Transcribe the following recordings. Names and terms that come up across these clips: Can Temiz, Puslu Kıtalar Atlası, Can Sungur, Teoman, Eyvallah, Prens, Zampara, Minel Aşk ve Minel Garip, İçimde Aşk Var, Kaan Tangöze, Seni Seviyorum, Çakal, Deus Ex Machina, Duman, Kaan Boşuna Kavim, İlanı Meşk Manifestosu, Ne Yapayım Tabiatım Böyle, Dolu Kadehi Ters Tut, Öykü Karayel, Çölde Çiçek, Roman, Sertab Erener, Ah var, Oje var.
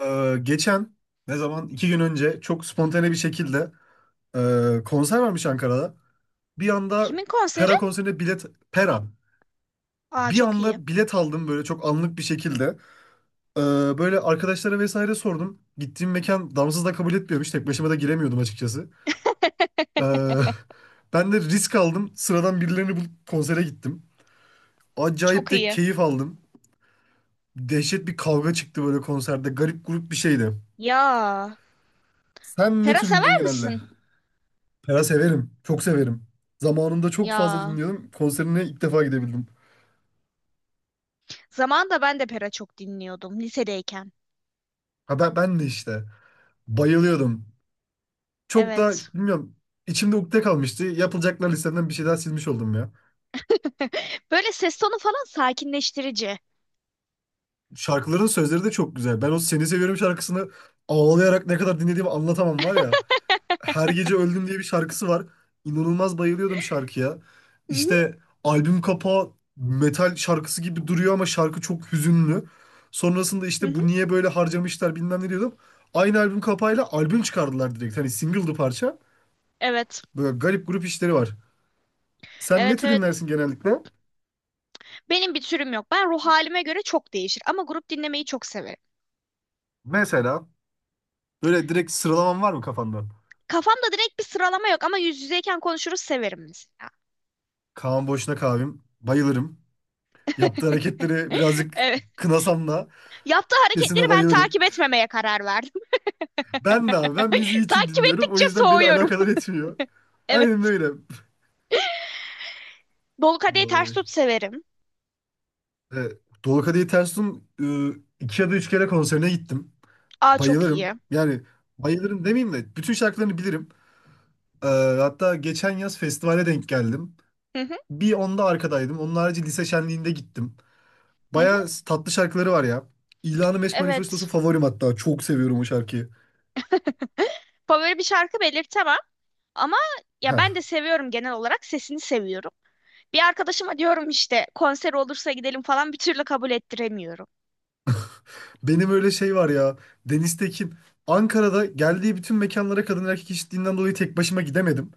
Geçen ne zaman iki gün önce çok spontane bir şekilde konser varmış Ankara'da. Bir anda Kimin konseri? Pera konserine bilet Pera, Aa, bir çok iyi. anda bilet aldım böyle çok anlık bir şekilde. Ee, Böyle arkadaşlara vesaire sordum. Gittiğim mekan damsız da kabul etmiyormuş. Tek başıma da giremiyordum açıkçası. Ee, Ben de risk aldım. Sıradan birilerini bulup konsere gittim. Acayip Çok de iyi. keyif aldım. Dehşet bir kavga çıktı böyle konserde. Garip grup bir şeydi. Ya. Sen ne Pera tür sever dinliyorsun genelde? misin? Pera severim. Çok severim. Zamanında çok fazla Ya. dinliyordum. Konserine ilk defa gidebildim. Zamanında ben de Pera çok dinliyordum lisedeyken. Ha ben de işte. Bayılıyordum. Çok da Evet. bilmiyorum. İçimde ukde kalmıştı. Yapılacaklar listemden bir şey daha silmiş oldum ya. Böyle ses tonu falan sakinleştirici. Şarkıların sözleri de çok güzel. Ben o Seni Seviyorum şarkısını ağlayarak ne kadar dinlediğimi anlatamam var ya. Her Gece Öldüm diye bir şarkısı var. İnanılmaz bayılıyordum şarkıya. Hı hı, İşte albüm kapağı metal şarkısı gibi duruyor ama şarkı çok hüzünlü. Sonrasında hı işte bu hı. niye böyle harcamışlar bilmem ne diyordum. Aynı albüm kapağıyla albüm çıkardılar direkt. Hani single'dı parça. Evet. Böyle garip grup işleri var. Sen ne Evet, tür evet. dinlersin genellikle? Benim bir türüm yok. Ben ruh halime göre çok değişir ama grup dinlemeyi çok severim. Mesela böyle direkt sıralaman var mı kafanda? Kafamda direkt bir sıralama yok ama yüz yüzeyken konuşuruz severim mesela. Kaan Boşuna Kavim. Bayılırım. Yaptığı hareketleri birazcık Evet. kınasam da Yaptığı hareketleri sesine ben bayılırım. takip etmemeye karar verdim. Ben de abi ben müziği için Takip dinliyorum. O ettikçe yüzden beni soğuyorum. alakadar etmiyor. Aynen Evet. öyle. Dolu kadehi ters Ay. tut severim. Evet. Dolu Kadehi Ters Tut'un iki ya da üç kere konserine gittim. Aa, çok iyi. Bayılırım. Yani bayılırım demeyeyim de bütün şarkılarını bilirim. Ee, Hatta geçen yaz festivale denk geldim. Hı hı, Bir onda arkadaydım. Onun harici lise şenliğinde gittim. hı hı. Baya tatlı şarkıları var ya. İlanı Meşk Manifestosu Evet. favorim hatta. Çok seviyorum o şarkıyı. Favori bir şarkı belirtemem ama ya Heh. ben de seviyorum, genel olarak sesini seviyorum. Bir arkadaşıma diyorum işte, konser olursa gidelim falan, bir türlü kabul ettiremiyorum. Benim öyle şey var ya. Deniz Tekin. Ankara'da geldiği bütün mekanlara kadın erkek eşitliğinden dolayı tek başıma gidemedim.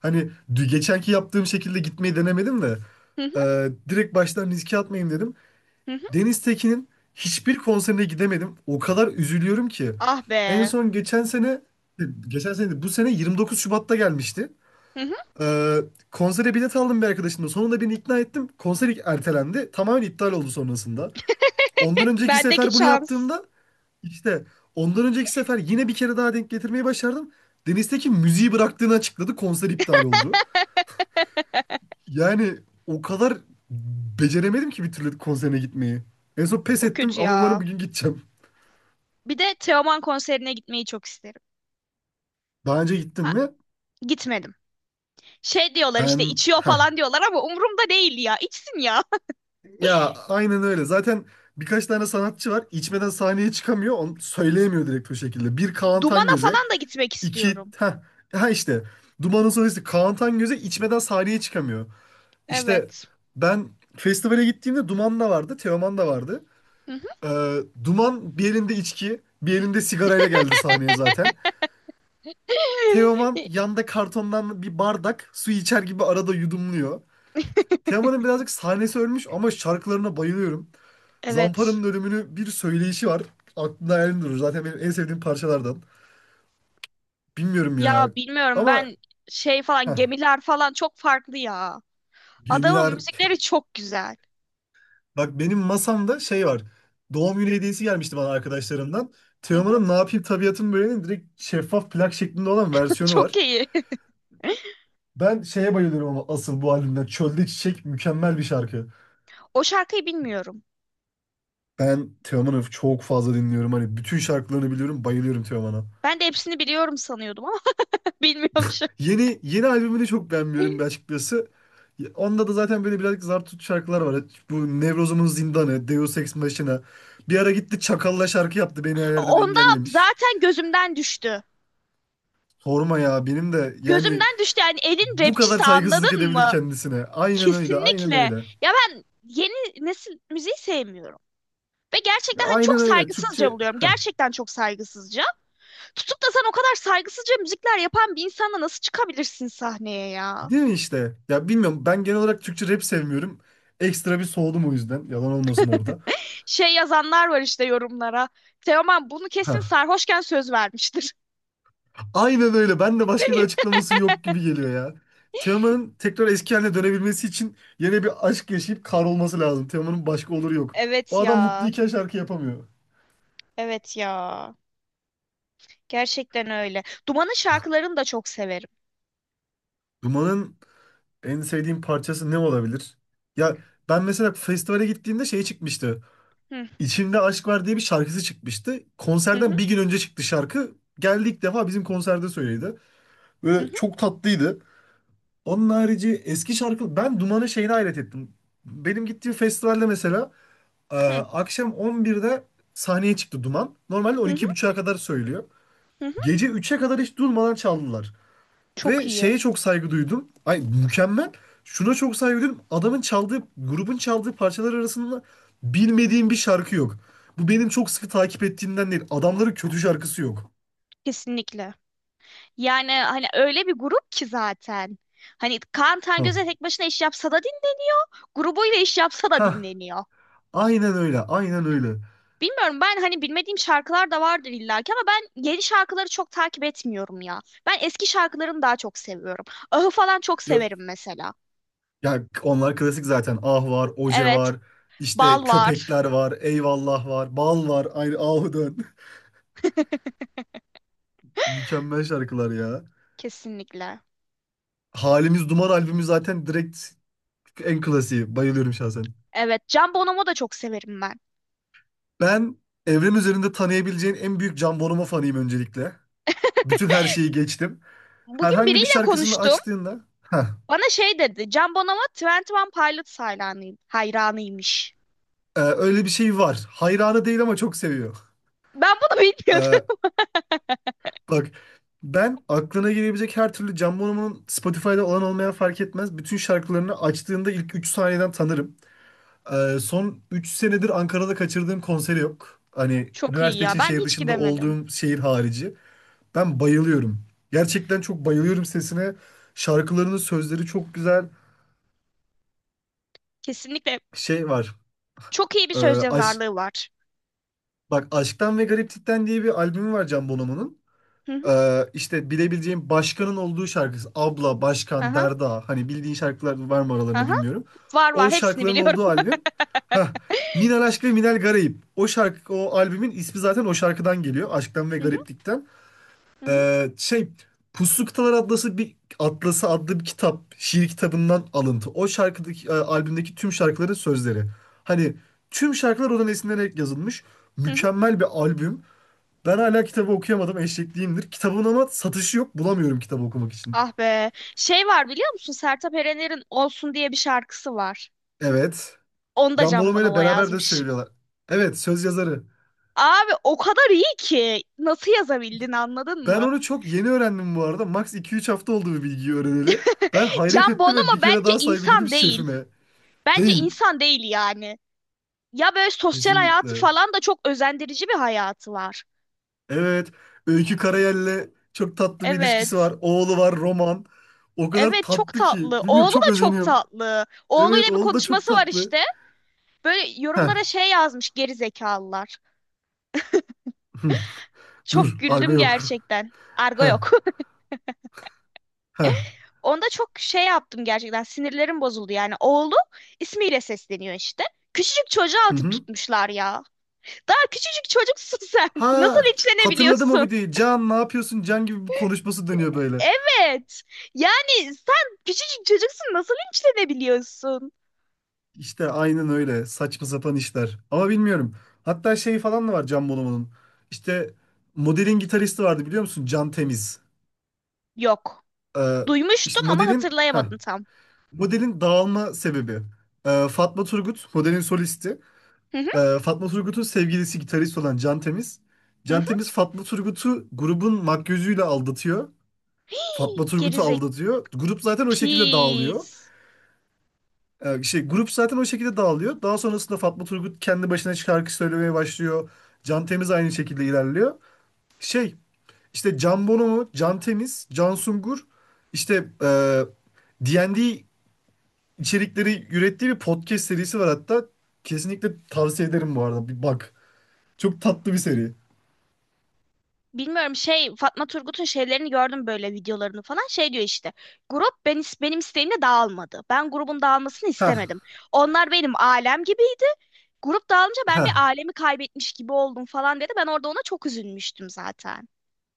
Hani geçenki yaptığım şekilde gitmeyi denemedim de. Hı hı, Direkt baştan riske atmayayım dedim. hı hı. Deniz Tekin'in hiçbir konserine gidemedim. O kadar üzülüyorum ki. Ah En be. son geçen sene, geçen sene değil, bu sene 29 Şubat'ta gelmişti. Hı hı. E, Konsere bilet aldım bir arkadaşımla. Sonunda beni ikna ettim. Konser ertelendi. Tamamen iptal oldu sonrasında. Ondan önceki Bendeki sefer bunu şans. yaptığımda işte ondan önceki sefer yine bir kere daha denk getirmeyi başardım. Deniz Tekin müziği bıraktığını açıkladı. Konser iptal oldu. Yani o kadar beceremedim ki bir türlü konserine gitmeyi. En son pes Çok ettim kötü ama umarım ya. bugün gideceğim. Bir de Teoman konserine gitmeyi çok isterim. Daha önce gittim Ha, mi? gitmedim. Şey diyorlar işte, Ben... içiyor Heh. falan diyorlar ama umurumda değil ya. İçsin ya. Ya aynen öyle. Zaten birkaç tane sanatçı var. İçmeden sahneye çıkamıyor. Onu söyleyemiyor direkt o şekilde. Bir Kaan Dumana Tangöze. falan da gitmek İki... istiyorum. Heh. Ha işte. Duman'ın solisti Kaan Tangöze içmeden sahneye çıkamıyor. İşte Evet. ben festivale gittiğimde Duman da vardı, Teoman da vardı. Hı hı. Duman bir elinde içki, bir elinde sigarayla geldi sahneye zaten. Teoman yanda kartondan bir bardak su içer gibi arada yudumluyor. Teoman'ın birazcık sahnesi ölmüş ama şarkılarına bayılıyorum. Evet. Zampara'nın ölümünü bir söyleyişi var. Aklımda hayalim durur. Zaten benim en sevdiğim parçalardan. Bilmiyorum Ya ya. bilmiyorum Ama ben, şey falan, heh, gemiler falan çok farklı ya. Adamın gemiler. müzikleri çok güzel. Bak benim masamda şey var. Doğum günü hediyesi gelmişti bana arkadaşlarımdan. Hı hı, Teoman'ın Ne Yapayım Tabiatım Böyle'nin direkt şeffaf plak şeklinde olan versiyonu çok var. iyi. Ben şeye bayılıyorum ama asıl bu albümden. Çölde Çiçek mükemmel bir şarkı. O şarkıyı bilmiyorum. Ben Teoman'ı çok fazla dinliyorum. Hani bütün şarkılarını biliyorum. Bayılıyorum Teoman'a. Ben de hepsini biliyorum sanıyordum ama bilmiyormuşum. Yeni yeni albümünü çok beğenmiyorum bir açıkçası. Onda da zaten böyle birazcık zar tut şarkılar var. Bu Nevrozum'un Zindanı, Deus Ex Machina. Bir ara gitti Çakal'la şarkı yaptı. Beni her yerden Onda engellemiş. zaten gözümden düştü. Sorma ya benim de yani Gözümden düştü yani, elin bu kadar rapçisi, saygısızlık anladın edebilir mı? kendisine. Aynen öyle, aynen Kesinlikle. öyle. Ya ben yeni nesil müziği sevmiyorum. Ve gerçekten hani çok Aynen öyle. saygısızca Türkçe buluyorum. Gerçekten çok saygısızca. Tutup da sen o kadar saygısızca müzikler yapan bir insanla nasıl çıkabilirsin sahneye ya? değil mi işte? Ya bilmiyorum ben genel olarak Türkçe rap sevmiyorum. Ekstra bir soğudum o yüzden. Yalan olmasın orada. Şey yazanlar var işte yorumlara. Teoman bunu kesin Heh. sarhoşken söz vermiştir. Aynen öyle. Ben de başka bir açıklaması yok gibi geliyor ya. Teoman'ın tekrar eski haline dönebilmesi için yine bir aşk yaşayıp kar olması lazım. Teoman'ın başka oluru yok. O Evet adam ya. mutluyken şarkı yapamıyor. Evet ya. Gerçekten öyle. Duman'ın şarkılarını da çok severim. Duman'ın en sevdiğim parçası ne olabilir? Ya ben mesela festivale gittiğimde şey çıkmıştı. Hı İçimde Aşk Var diye bir şarkısı çıkmıştı. hı, Konserden hı bir gün önce çıktı şarkı. Geldi ilk defa bizim konserde söyledi. hı, Böyle hı çok tatlıydı. Onun harici eski şarkı... Ben Duman'ın şeyine hayret ettim. Benim gittiğim festivalde mesela hı, akşam 11'de sahneye çıktı Duman. Normalde hı. 12:30'a kadar söylüyor. Hı. Gece 3'e kadar hiç durmadan çaldılar. Çok Ve iyi. şeye çok saygı duydum. Ay mükemmel. Şuna çok saygı duydum. Adamın çaldığı, grubun çaldığı parçalar arasında bilmediğim bir şarkı yok. Bu benim çok sıkı takip ettiğimden değil. Adamların kötü şarkısı yok. Kesinlikle. Yani hani öyle bir grup ki zaten. Hani Kaan Tangöze Hah. tek başına iş yapsa da dinleniyor. Grubuyla iş yapsa da Hah. dinleniyor. Aynen öyle. Aynen öyle. Bilmiyorum, ben hani bilmediğim şarkılar da vardır illaki ama ben yeni şarkıları çok takip etmiyorum ya. Ben eski şarkılarını daha çok seviyorum. Ahı falan çok Ya, severim mesela. ya onlar klasik zaten. Ah var, Oje Evet, var. İşte Bal var köpekler var. Eyvallah var. Bal var. Ayrı ahu dön. Mükemmel şarkılar ya. kesinlikle. Halimiz Duman albümü zaten direkt en klasiği. Bayılıyorum şahsen. Evet, Can Bonomo da çok severim ben. Ben evren üzerinde tanıyabileceğin en büyük Can Bonomo fanıyım öncelikle. Bütün her şeyi geçtim. Bugün Herhangi bir biriyle şarkısını konuştum. açtığında heh, Bana şey dedi. Can Bonomo Twenty One Pilots hayranıyım, hayranıymış. Öyle bir şey var. Hayranı değil ama çok seviyor. Ben bunu E, bilmiyordum. Bak ben aklına gelebilecek her türlü Can Bonomo'nun Spotify'da olan olmayan fark etmez. Bütün şarkılarını açtığında ilk 3 saniyeden tanırım. Son 3 senedir Ankara'da kaçırdığım konseri yok. Hani Çok iyi üniversite ya. için Ben şehir hiç dışında gidemedim. olduğum şehir harici. Ben bayılıyorum. Gerçekten çok bayılıyorum sesine. Şarkılarının sözleri çok güzel. Kesinlikle, Şey var. çok iyi bir Ee, söz Aşk, yazarlığı var. bak Aşktan ve Gariplikten diye bir albümü var Can Bonomo'nun. Hı hı, İşte bilebileceğim Başkan'ın olduğu şarkısı. Abla, Başkan, aha, Derda. Hani bildiğin şarkılar var mı aralarında aha. bilmiyorum. Var var, O hepsini şarkıların biliyorum. olduğu albüm. Heh. Minel Aşk ve Minel Garip. O şarkı, o albümün ismi zaten o şarkıdan geliyor. Aşktan ve Hı hı, Gariplikten. hı hı, Şey Puslu Kıtalar Atlası bir Atlası adlı bir kitap, şiir kitabından alıntı. O şarkıdaki albümdeki tüm şarkıların sözleri. Hani tüm şarkılar oradan esinlenerek yazılmış. hı hı. Mükemmel bir albüm. Ben hala kitabı okuyamadım, eşekliyimdir. Kitabın ama satışı yok. Bulamıyorum kitabı okumak için. Ah be. Şey var biliyor musun? Sertab Erener'in Olsun diye bir şarkısı var. Evet. Onu da Can Can Bonomo ile Bonomo beraber de yazmış. söylüyorlar. Evet, söz yazarı. Abi o kadar iyi ki. Nasıl yazabildin, anladın Ben mı? onu çok yeni öğrendim bu arada. Max iki üç hafta oldu bu bilgiyi öğreneli. Ben hayret Can ettim ve Bonomo bir kere bence daha saygı duydum insan değil. şefime. Bence Değil. insan değil yani. Ya böyle sosyal hayatı Kesinlikle. falan da çok özendirici bir hayatı var. Evet. Öykü Karayel'le çok tatlı bir ilişkisi Evet. var. Oğlu var Roman. O kadar Evet çok tatlı ki. tatlı. Bilmiyorum Oğlu çok da çok özeniyorum. tatlı. Evet Oğluyla bir oğlu da çok konuşması var tatlı. işte. Böyle Heh. yorumlara şey yazmış geri zekalılar. Hı. Dur. Çok Argo güldüm yok. gerçekten. Argo Heh. yok. Heh. Onda çok şey yaptım, gerçekten sinirlerim bozuldu yani. Oğlu ismiyle sesleniyor işte. Küçücük çocuğa Hı atıp hı. tutmuşlar ya. Daha küçücük çocuksun sen. Nasıl Ha hatırladım o linçlenebiliyorsun? videoyu. Can ne yapıyorsun? Can gibi bir konuşması dönüyor böyle. Evet. Yani sen küçücük çocuksun, nasıl linçlenebiliyorsun? İşte aynen öyle. Saçma sapan işler. Ama bilmiyorum. Hatta şey falan da var Can Bonomo'nun. İşte modelin gitaristi vardı biliyor musun? Can Temiz. Yok. Ee, Duymuştum işte ama modelin... Heh. hatırlayamadım tam. Modelin dağılma sebebi. Fatma Turgut, modelin solisti. Hı hı. Fatma Turgut'un sevgilisi gitarist olan Can Temiz. Hı Can hı. Temiz Fatma Turgut'u grubun makyözüyle aldatıyor. Fatma Turgut'u Gerizek, aldatıyor. Grup zaten o şekilde dağılıyor. pis. Grup zaten o şekilde dağılıyor. Daha sonrasında Fatma Turgut kendi başına şarkı söylemeye başlıyor. Can Temiz aynı şekilde ilerliyor. Şey, işte Can Bonomo, Can Temiz, Can Sungur, işte e, D&D içerikleri ürettiği bir podcast serisi var hatta. Kesinlikle tavsiye ederim bu arada. Bir bak. Çok tatlı bir seri. Bilmiyorum, şey, Fatma Turgut'un şeylerini gördüm, böyle videolarını falan, şey diyor işte, grup benim isteğimle dağılmadı, ben grubun dağılmasını Ha istemedim, onlar benim alem gibiydi, grup dağılınca ben ha. bir alemi kaybetmiş gibi oldum falan dedi, ben orada ona çok üzülmüştüm zaten.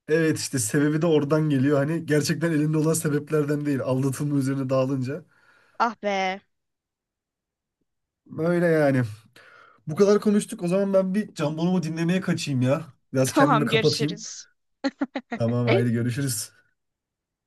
Evet işte sebebi de oradan geliyor. Hani gerçekten elinde olan sebeplerden değil. Aldatılma üzerine dağılınca. Ah be. Öyle yani. Bu kadar konuştuk. O zaman ben bir Can Bonomo dinlemeye kaçayım ya. Biraz kendimi Tamam, kapatayım. görüşürüz. Tamam haydi görüşürüz.